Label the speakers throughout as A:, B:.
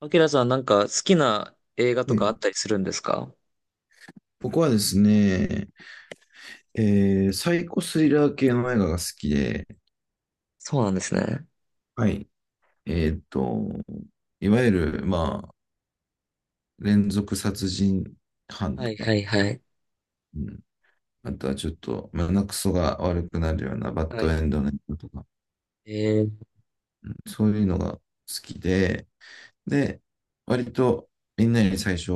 A: アキラさんなんか好きな映画と
B: は
A: かあっ
B: い。
A: たりするんですか？
B: 僕はですね、サイコスリラー系の映画が好きで、
A: そうなんですね。
B: はい。えっと、いわゆる、まあ、連続殺人犯
A: はい
B: とか、
A: はいはい。
B: うん、あとはちょっと胸くそが悪くなるようなバッ
A: は
B: ド
A: い。
B: エンドの映画とか、
A: えー、
B: うんそういうのが好きで、で、割とみんなに最初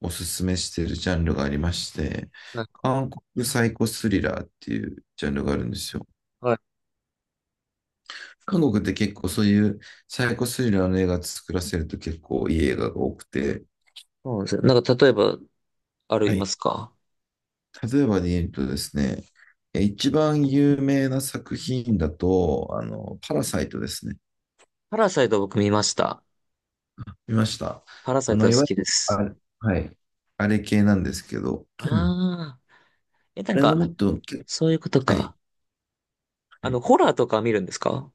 B: おすすめしてるジャンルがありまして、
A: はい
B: 韓国サイコスリラーっていうジャンルがあるんですよ。
A: はい。
B: 韓国って結構そういうサイコスリラーの映画作らせると結構いい映画が多くて、
A: そうなんですね。なんか例えば、ある
B: は
A: いま
B: い。
A: すか？
B: 例えばで言うとですね、一番有名な作品だと、パラサイトですね。
A: パラサイト僕見ました。
B: 見ました。
A: パラサイトが
B: い
A: 好
B: わ
A: きで
B: ゆる、
A: す。
B: あれ、はい、あれ系なんですけど、
A: ああ。え、な
B: あ
A: ん
B: れのも
A: か、
B: っと、
A: そういうこと
B: はい、
A: か。あ
B: は
A: の、
B: い、
A: ホラーとか見るんですか？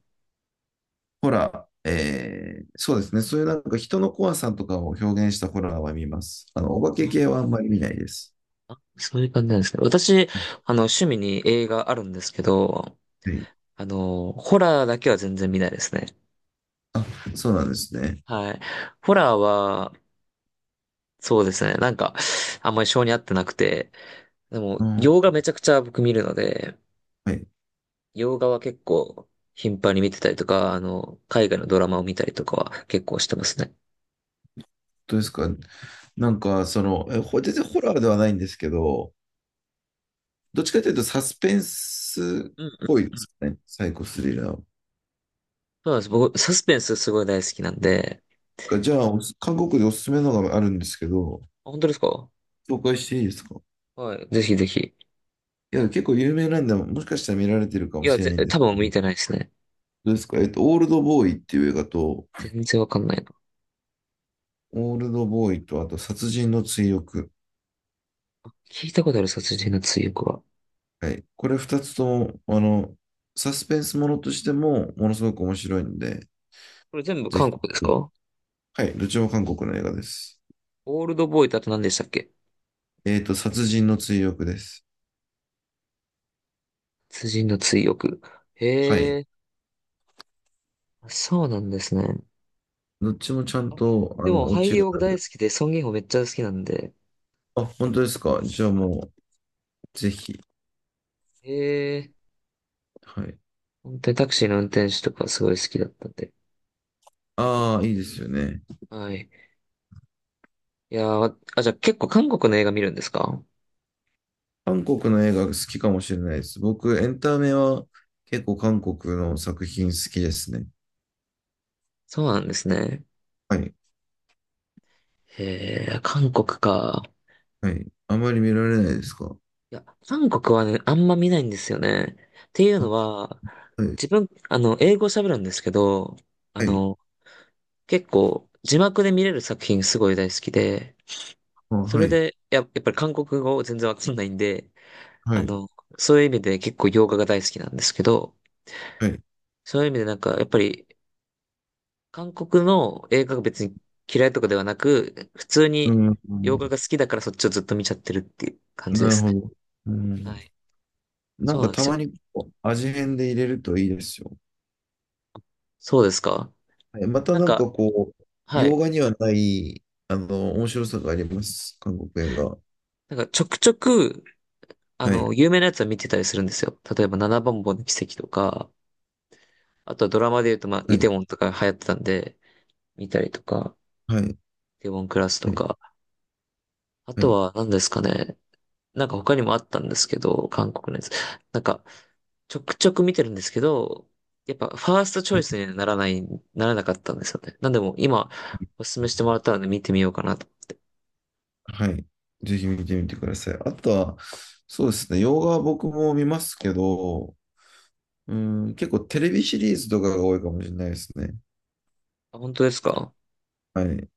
B: ホラー、えーそうですね、そういうなんか人の怖さとかを表現したホラーは見ます。お化け系
A: あ
B: はあんまり見ないです。
A: ーそういう感じなんですね。私、
B: はい。
A: あの、趣味に映画あるんですけど、
B: はい。
A: あの、ホラーだけは全然見ないですね。
B: あ、そうなんですね。
A: はい。ホラーは、そうですね。なんか、あんまり性に合ってなくて、でも、
B: うん。
A: 洋画めちゃくちゃ僕見るので、
B: はい。
A: 洋画は結構頻繁に見てたりとか、あの、海外のドラマを見たりとかは結構してますね。
B: どうですか？なんか、全然ホラーではないんですけど、どっちかというとサスペンスっ
A: うんう
B: ぽ
A: ん、
B: いですね。サイコスリラー
A: そうなんです。僕、サスペンスすごい大好きなんで、
B: が。じゃあ、韓国でおすすめのがあるんですけど、
A: あ本当ですか？
B: 紹介していいですか？
A: はい。ぜひぜひ。
B: いや、結構有名なんで、もしかしたら見られてるか
A: い
B: も
A: や、
B: しれ
A: ぜ、
B: ないんで
A: 多
B: す
A: 分
B: け
A: 見
B: ど、
A: てないですね。
B: どうですか？オールドボーイっていう映画と、
A: 全然わかんないな。
B: オールドボーイと、あと、殺人の追憶。
A: 聞いたことある、殺人の追憶は。
B: はい。これ二つとも、サスペンスものとしても、ものすごく面白いんで、
A: これ全部
B: ぜ
A: 韓
B: ひ。
A: 国ですか？
B: はい。どっちも韓国の映画です。
A: オールドボーイとあと何でしたっけ？
B: 殺人の追憶です。
A: 殺人の追憶。
B: はい。
A: へえ、そうなんですね。
B: どっちもちゃん
A: あ、
B: と、
A: でも
B: オ
A: 俳
B: チ
A: 優
B: が
A: 僕
B: あ
A: 大
B: る。
A: 好きで、ソン・ギンホめっちゃ好きなんで、
B: あ、本当ですか。じゃあ
A: あ、
B: もう、ぜひ。
A: ええ、
B: はい。
A: 本当にタクシーの運転手とかすごい好きだったんで。
B: ああ、いいですよね。
A: はい。いやー、あ、じゃあ結構韓国の映画見るんですか？
B: 韓国の映画好きかもしれないです。僕、エンタメは結構韓国の作品好きですね。
A: そうなんですね。
B: はい。
A: へえ、韓国か。
B: はい。あまり見られないですか。
A: いや、韓国はね、あんま見ないんですよね。っていうの
B: あ、
A: は、
B: はい。
A: 自分、あの、英語喋るんですけど、あ
B: はい。
A: の、結構、字幕で見れる作品すごい大好きで、
B: あ、
A: そ
B: は
A: れ
B: い。
A: で、や、やっぱり韓国語全然わかんないんで、
B: は
A: あ
B: い。
A: の、そういう意味で結構洋画が大好きなんですけど、
B: はい。
A: そういう意味でなんか、やっぱり、韓国の映画が別に嫌いとかではなく、普通
B: う
A: に
B: ん。う
A: 洋画
B: ん。
A: が好きだからそっちをずっと見ちゃってるっていう感じで
B: なる
A: す
B: ほ
A: ね。
B: ど。う
A: は
B: ん。
A: い。
B: な
A: そ
B: ん
A: う
B: か
A: なんで
B: た
A: すよ。
B: まにこう味変で入れるといいですよ。
A: そうですか。
B: はい、また
A: なん
B: なん
A: か、
B: かこう、
A: は
B: 洋
A: い。
B: 画にはない、面白さがあります。韓国映画。
A: なんか、ちょくちょく、あ
B: はい、
A: の、有名なやつは見てたりするんですよ。例えば、七番坊の奇跡とか、あとはドラマで言うと、まあ、
B: は
A: イテウ
B: い、
A: ォンとか流行ってたんで、見たりとか、
B: はい、
A: イテウォンクラス
B: は
A: と
B: い、
A: か、あ
B: は
A: と
B: い、
A: は何ですかね。なんか他にもあったんですけど、韓国のやつ。なんか、ちょくちょく見てるんですけど、やっぱファーストチョ
B: は
A: イ
B: い。
A: スにならない、ならなかったんですよね。なんでも今、おすすめしてもらったので見てみようかなと。
B: はい。ぜひ見てみてください。あとは、そうですね、洋画は僕も見ますけど、うん、結構テレビシリーズとかが多いかもしれないですね。
A: あ、本当ですか？
B: はい。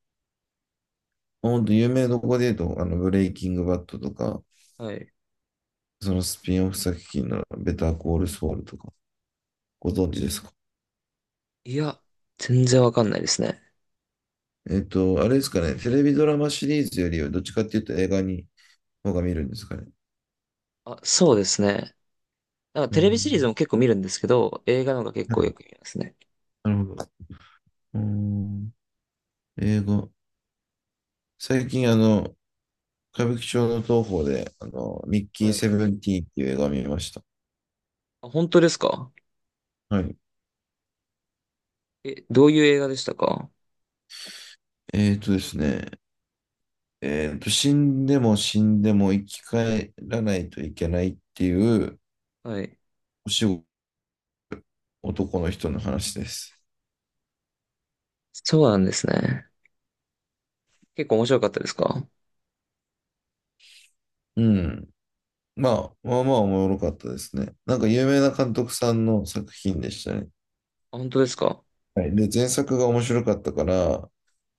B: 本当有名どこで言うと、ブレイキングバッドとか、
A: はい。
B: そのスピンオフ作品のベターコールソウルとか、ご存知ですか？
A: いや、全然わかんないですね。
B: あれですかね、テレビドラマシリーズよりはどっちかっていうと映画に方が見るんですかね。
A: あ、そうですね。なんか
B: う
A: テレビシリーズ
B: ん。
A: も結構見るんですけど、映画の方が結
B: は
A: 構よ
B: い。
A: く見ますね。
B: なるほど。うん。英語。最近、歌舞伎町の東宝で、ミッキー
A: は
B: セ
A: い。
B: ブンティーンっていう映画を見ました。
A: あ、本当ですか？
B: はい。
A: え、どういう映画でしたか？
B: えっとですね、死んでも死んでも生き返らないといけないっていう
A: はい。
B: お仕事、男の人の話です。
A: そうなんですね。結構面白かったですか？
B: うん。まあ、まあまあおもろかったですね。なんか有名な監督さんの作品でしたね。
A: あ、本当ですか？
B: はい。で、前作が面白かったから、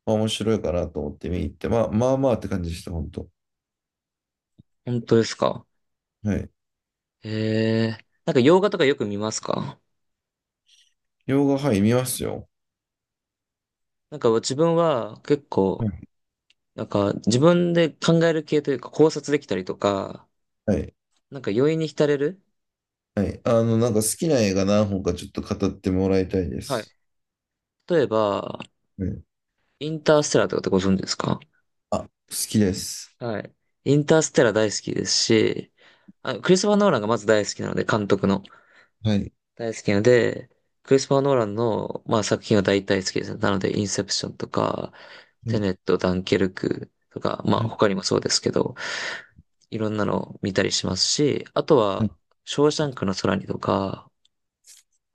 B: まあ、面白いかなと思って見に行って、まあ、まあまあって感じでした、本当。
A: 本当ですか？
B: はい。
A: へえー。なんか洋画とかよく見ますか？
B: 洋画、はい、見ますよ。
A: なんか自分は結
B: は
A: 構、
B: い。
A: なんか自分で考える系というか考察できたりとか、
B: はい。
A: なんか余韻に浸れる
B: はい。なんか好きな映画何本かちょっと語ってもらいたいで
A: はい。
B: す。
A: 例えば、
B: はい。
A: インターステラーとかってご存知ですか？
B: あ、好きです。
A: はい。インターステラー大好きですし、あ、クリストファー・ノーランがまず大好きなので、監督の
B: はい。
A: 大好きなので、クリストファー・ノーランの、まあ、作品は大体好きですね。なので、インセプションとか、
B: は
A: テ
B: い。
A: ネット、ダンケルクとか、まあ、
B: はい。
A: 他にもそうですけど、いろんなのを見たりしますし、あと
B: は
A: は、
B: い。
A: ショーシャンクの空にとか、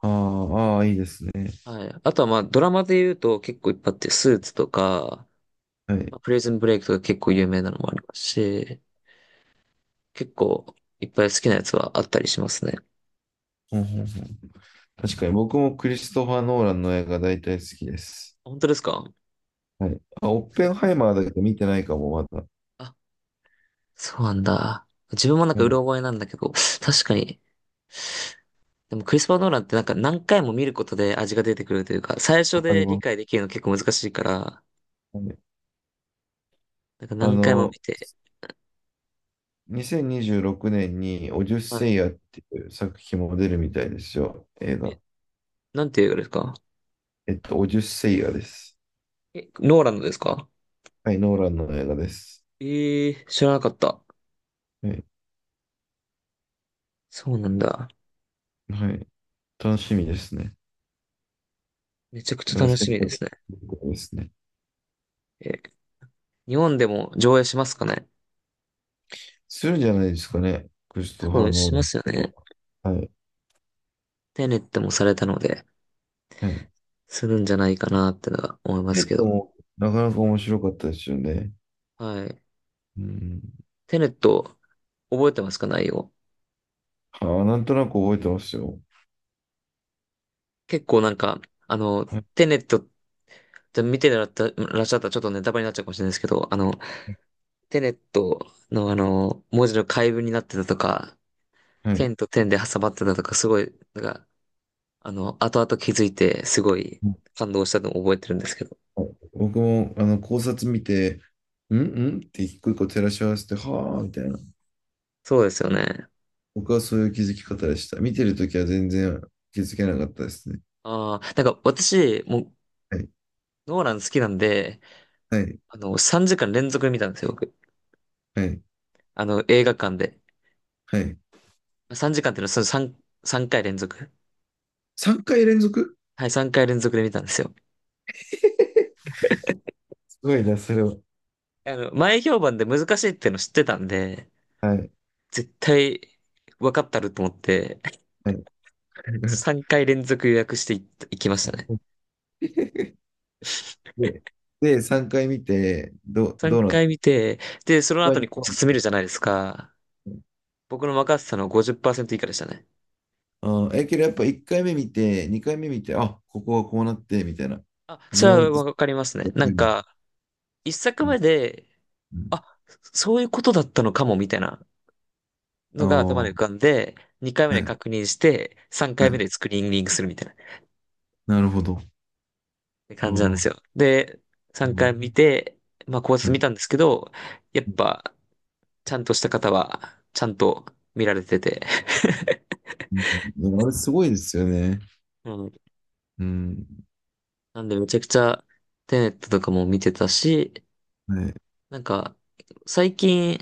B: あーあー、いいですね。
A: はい。あとはまあ、ドラマで言うと結構いっぱいあって、スーツとか、
B: はい。
A: まあプレイズンブレイクとか結構有名なのもありますし、結構いっぱい好きなやつはあったりしますね。
B: ほんほんほん。確かに僕もクリストファー・ノーランの映画大体好きです。
A: 本当ですか？
B: はい。あ、オッ
A: なん
B: ペ
A: か、
B: ンハイマーだけど見てないかも、まだ。
A: あ、そうなんだ。自分もなん
B: は
A: かうろ
B: い。
A: 覚えなんだけど、確かに。でもクリスパー・ノーランってなんか何回も見ることで味が出てくるというか、最初
B: わかり
A: で理
B: ま
A: 解
B: す。
A: できるの結構難しいから、
B: はい。
A: なんか
B: あ
A: 何回も見
B: の、
A: て、
B: 2026年にじゅうろくねんにオデュッ
A: は
B: セ
A: い。
B: イアっていう作品も出るみたいですよ。映画。
A: え、なんていう映画ですか？
B: オデュッセイアです。
A: え、ノーランドですか？
B: はい、ノーランの映画です。
A: ええー、知らなかった。
B: はい。
A: そうなんだ。
B: はい。楽しみですね。
A: めちゃくちゃ
B: 今、
A: 楽
B: 制
A: しみで
B: 作
A: すね。
B: ですね。
A: え、日本でも上映しますかね？
B: するんじゃないですかね。クリス
A: 多
B: トファー・
A: 分
B: ノ
A: し
B: ー
A: ま
B: ラン
A: すよ
B: け
A: ね。
B: ど。はい。
A: テネットもされたので、
B: はい。
A: するんじゃないかなってのは思いますけど。
B: なかなか面白かったですよね。
A: はい。
B: うん。
A: テネット、覚えてますか内容？
B: あー、なんとなく覚えてますよ。
A: 結構なんか、あの、
B: は
A: テネットって見てらっしゃったらっしゃったらちょっとネタバレになっちゃうかもしれないですけど、あの、
B: い。
A: テネットのあの、文字の解文になってたとか、
B: は
A: 点
B: い。
A: と点で挟まってたとか、すごい、なんか、あの、後々気づいて、すごい感動したのを覚えてるんですけど。
B: 僕も、考察見て、うんうんって一個一個照らし合わせて、はあ、みたいな。
A: そうですよね。
B: 僕はそういう気づき方でした。見てるときは全然気づけなかったですね。
A: ああ、なんか私、もう、
B: はい、
A: ノーラン好きなんで、
B: はい、
A: あの、3時間連続で見たんですよ、僕。
B: はい、
A: あの、映画館で。
B: はい。
A: 3時間っていうのは、その3、3回連続。
B: 3回連続。
A: はい、3回連続で見たんですよ。
B: すごいな、それは。
A: あの、前評判で難しいっていうの知ってたんで、
B: はい、
A: 絶対分かったると思って、
B: はい。
A: 3回連続予約していった、行きまし
B: す
A: たね。
B: ごい。で、で、3回見て、どう、
A: 3
B: どうなった？
A: 回見て、で、そ
B: 一
A: の後
B: 番
A: に考
B: どう
A: 察見るじゃないですか。
B: なっ
A: 僕の任せたの50%以下でしたね。
B: た？あー、けどやっぱ1回目見て、2回目見て、あ、ここはこうなって、みたいな。
A: あ、そ
B: 順を追っ
A: れ
B: て。
A: はわかりますね。なんか、一作
B: うん
A: 目で、
B: うん。
A: あ、そういうことだったのかも、みたいな
B: ああ
A: のが頭で
B: ー、
A: 浮かんで、二回目
B: は
A: で
B: い、
A: 確認して、三
B: は
A: 回目
B: い。
A: でスクリーニングするみたいなっ
B: なるほど。
A: て
B: あ
A: 感じなんです
B: ん。
A: よ。で、
B: う
A: 三回見
B: ん。
A: て、まあ、考
B: う
A: 察見
B: ん
A: たんですけど、やっぱ、ちゃんとした方は、ちゃんと見られてて。
B: うん。あれすごいですよね。
A: うん。
B: うん。
A: なんで、めちゃくちゃ、テネットとかも見てたし、
B: はい。
A: なんか、最近、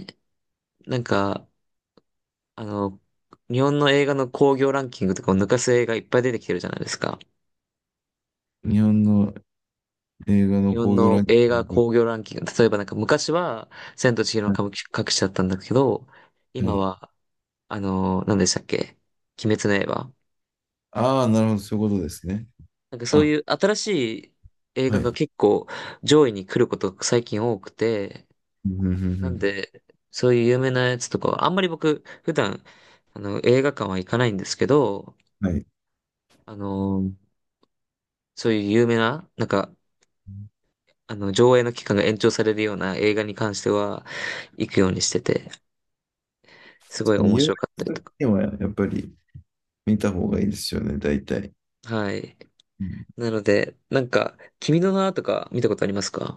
A: なんか、あの、日本の映画の興行ランキングとかを抜かす映画いっぱい出てきてるじゃないですか。
B: 日本の映画
A: 日
B: の
A: 本
B: 興行ラ
A: の
B: ンキ
A: 映画
B: ング
A: 興行ランキング、例えばなんか昔は、千と千尋の
B: が。はい。
A: 神隠しだったんだけど、
B: は
A: 今
B: い、
A: は、あの、何でしたっけ？鬼滅の刃。
B: ああ、なるほど。そういうことですね。
A: なんかそう
B: あ、
A: いう新しい映
B: は
A: 画が
B: い。
A: 結構上位に来ることが最近多くて、
B: うんうんう
A: なん
B: ん
A: で、そういう有名なやつとかは、あんまり僕、普段、あの、映画館は行かないんですけど、
B: うん。はい。
A: あの、そういう有名な、なんか、あの、上映の期間が延長されるような映画に関しては、行くようにしてて、すご
B: 確
A: い
B: かに
A: 面
B: 有名
A: 白かった
B: な
A: りと
B: 作
A: か。
B: 品はやっぱり見た方がいいですよね、大体。
A: はい。
B: うん、
A: なので、なんか、君の名はとか見たことありますか？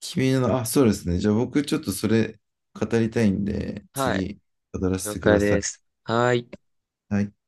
B: あ、そうですね。じゃあ僕ちょっとそれ語りたいんで、
A: はい。
B: 次語らせ
A: 了
B: てく
A: 解
B: ださ
A: で
B: い。
A: す。はい。
B: はい。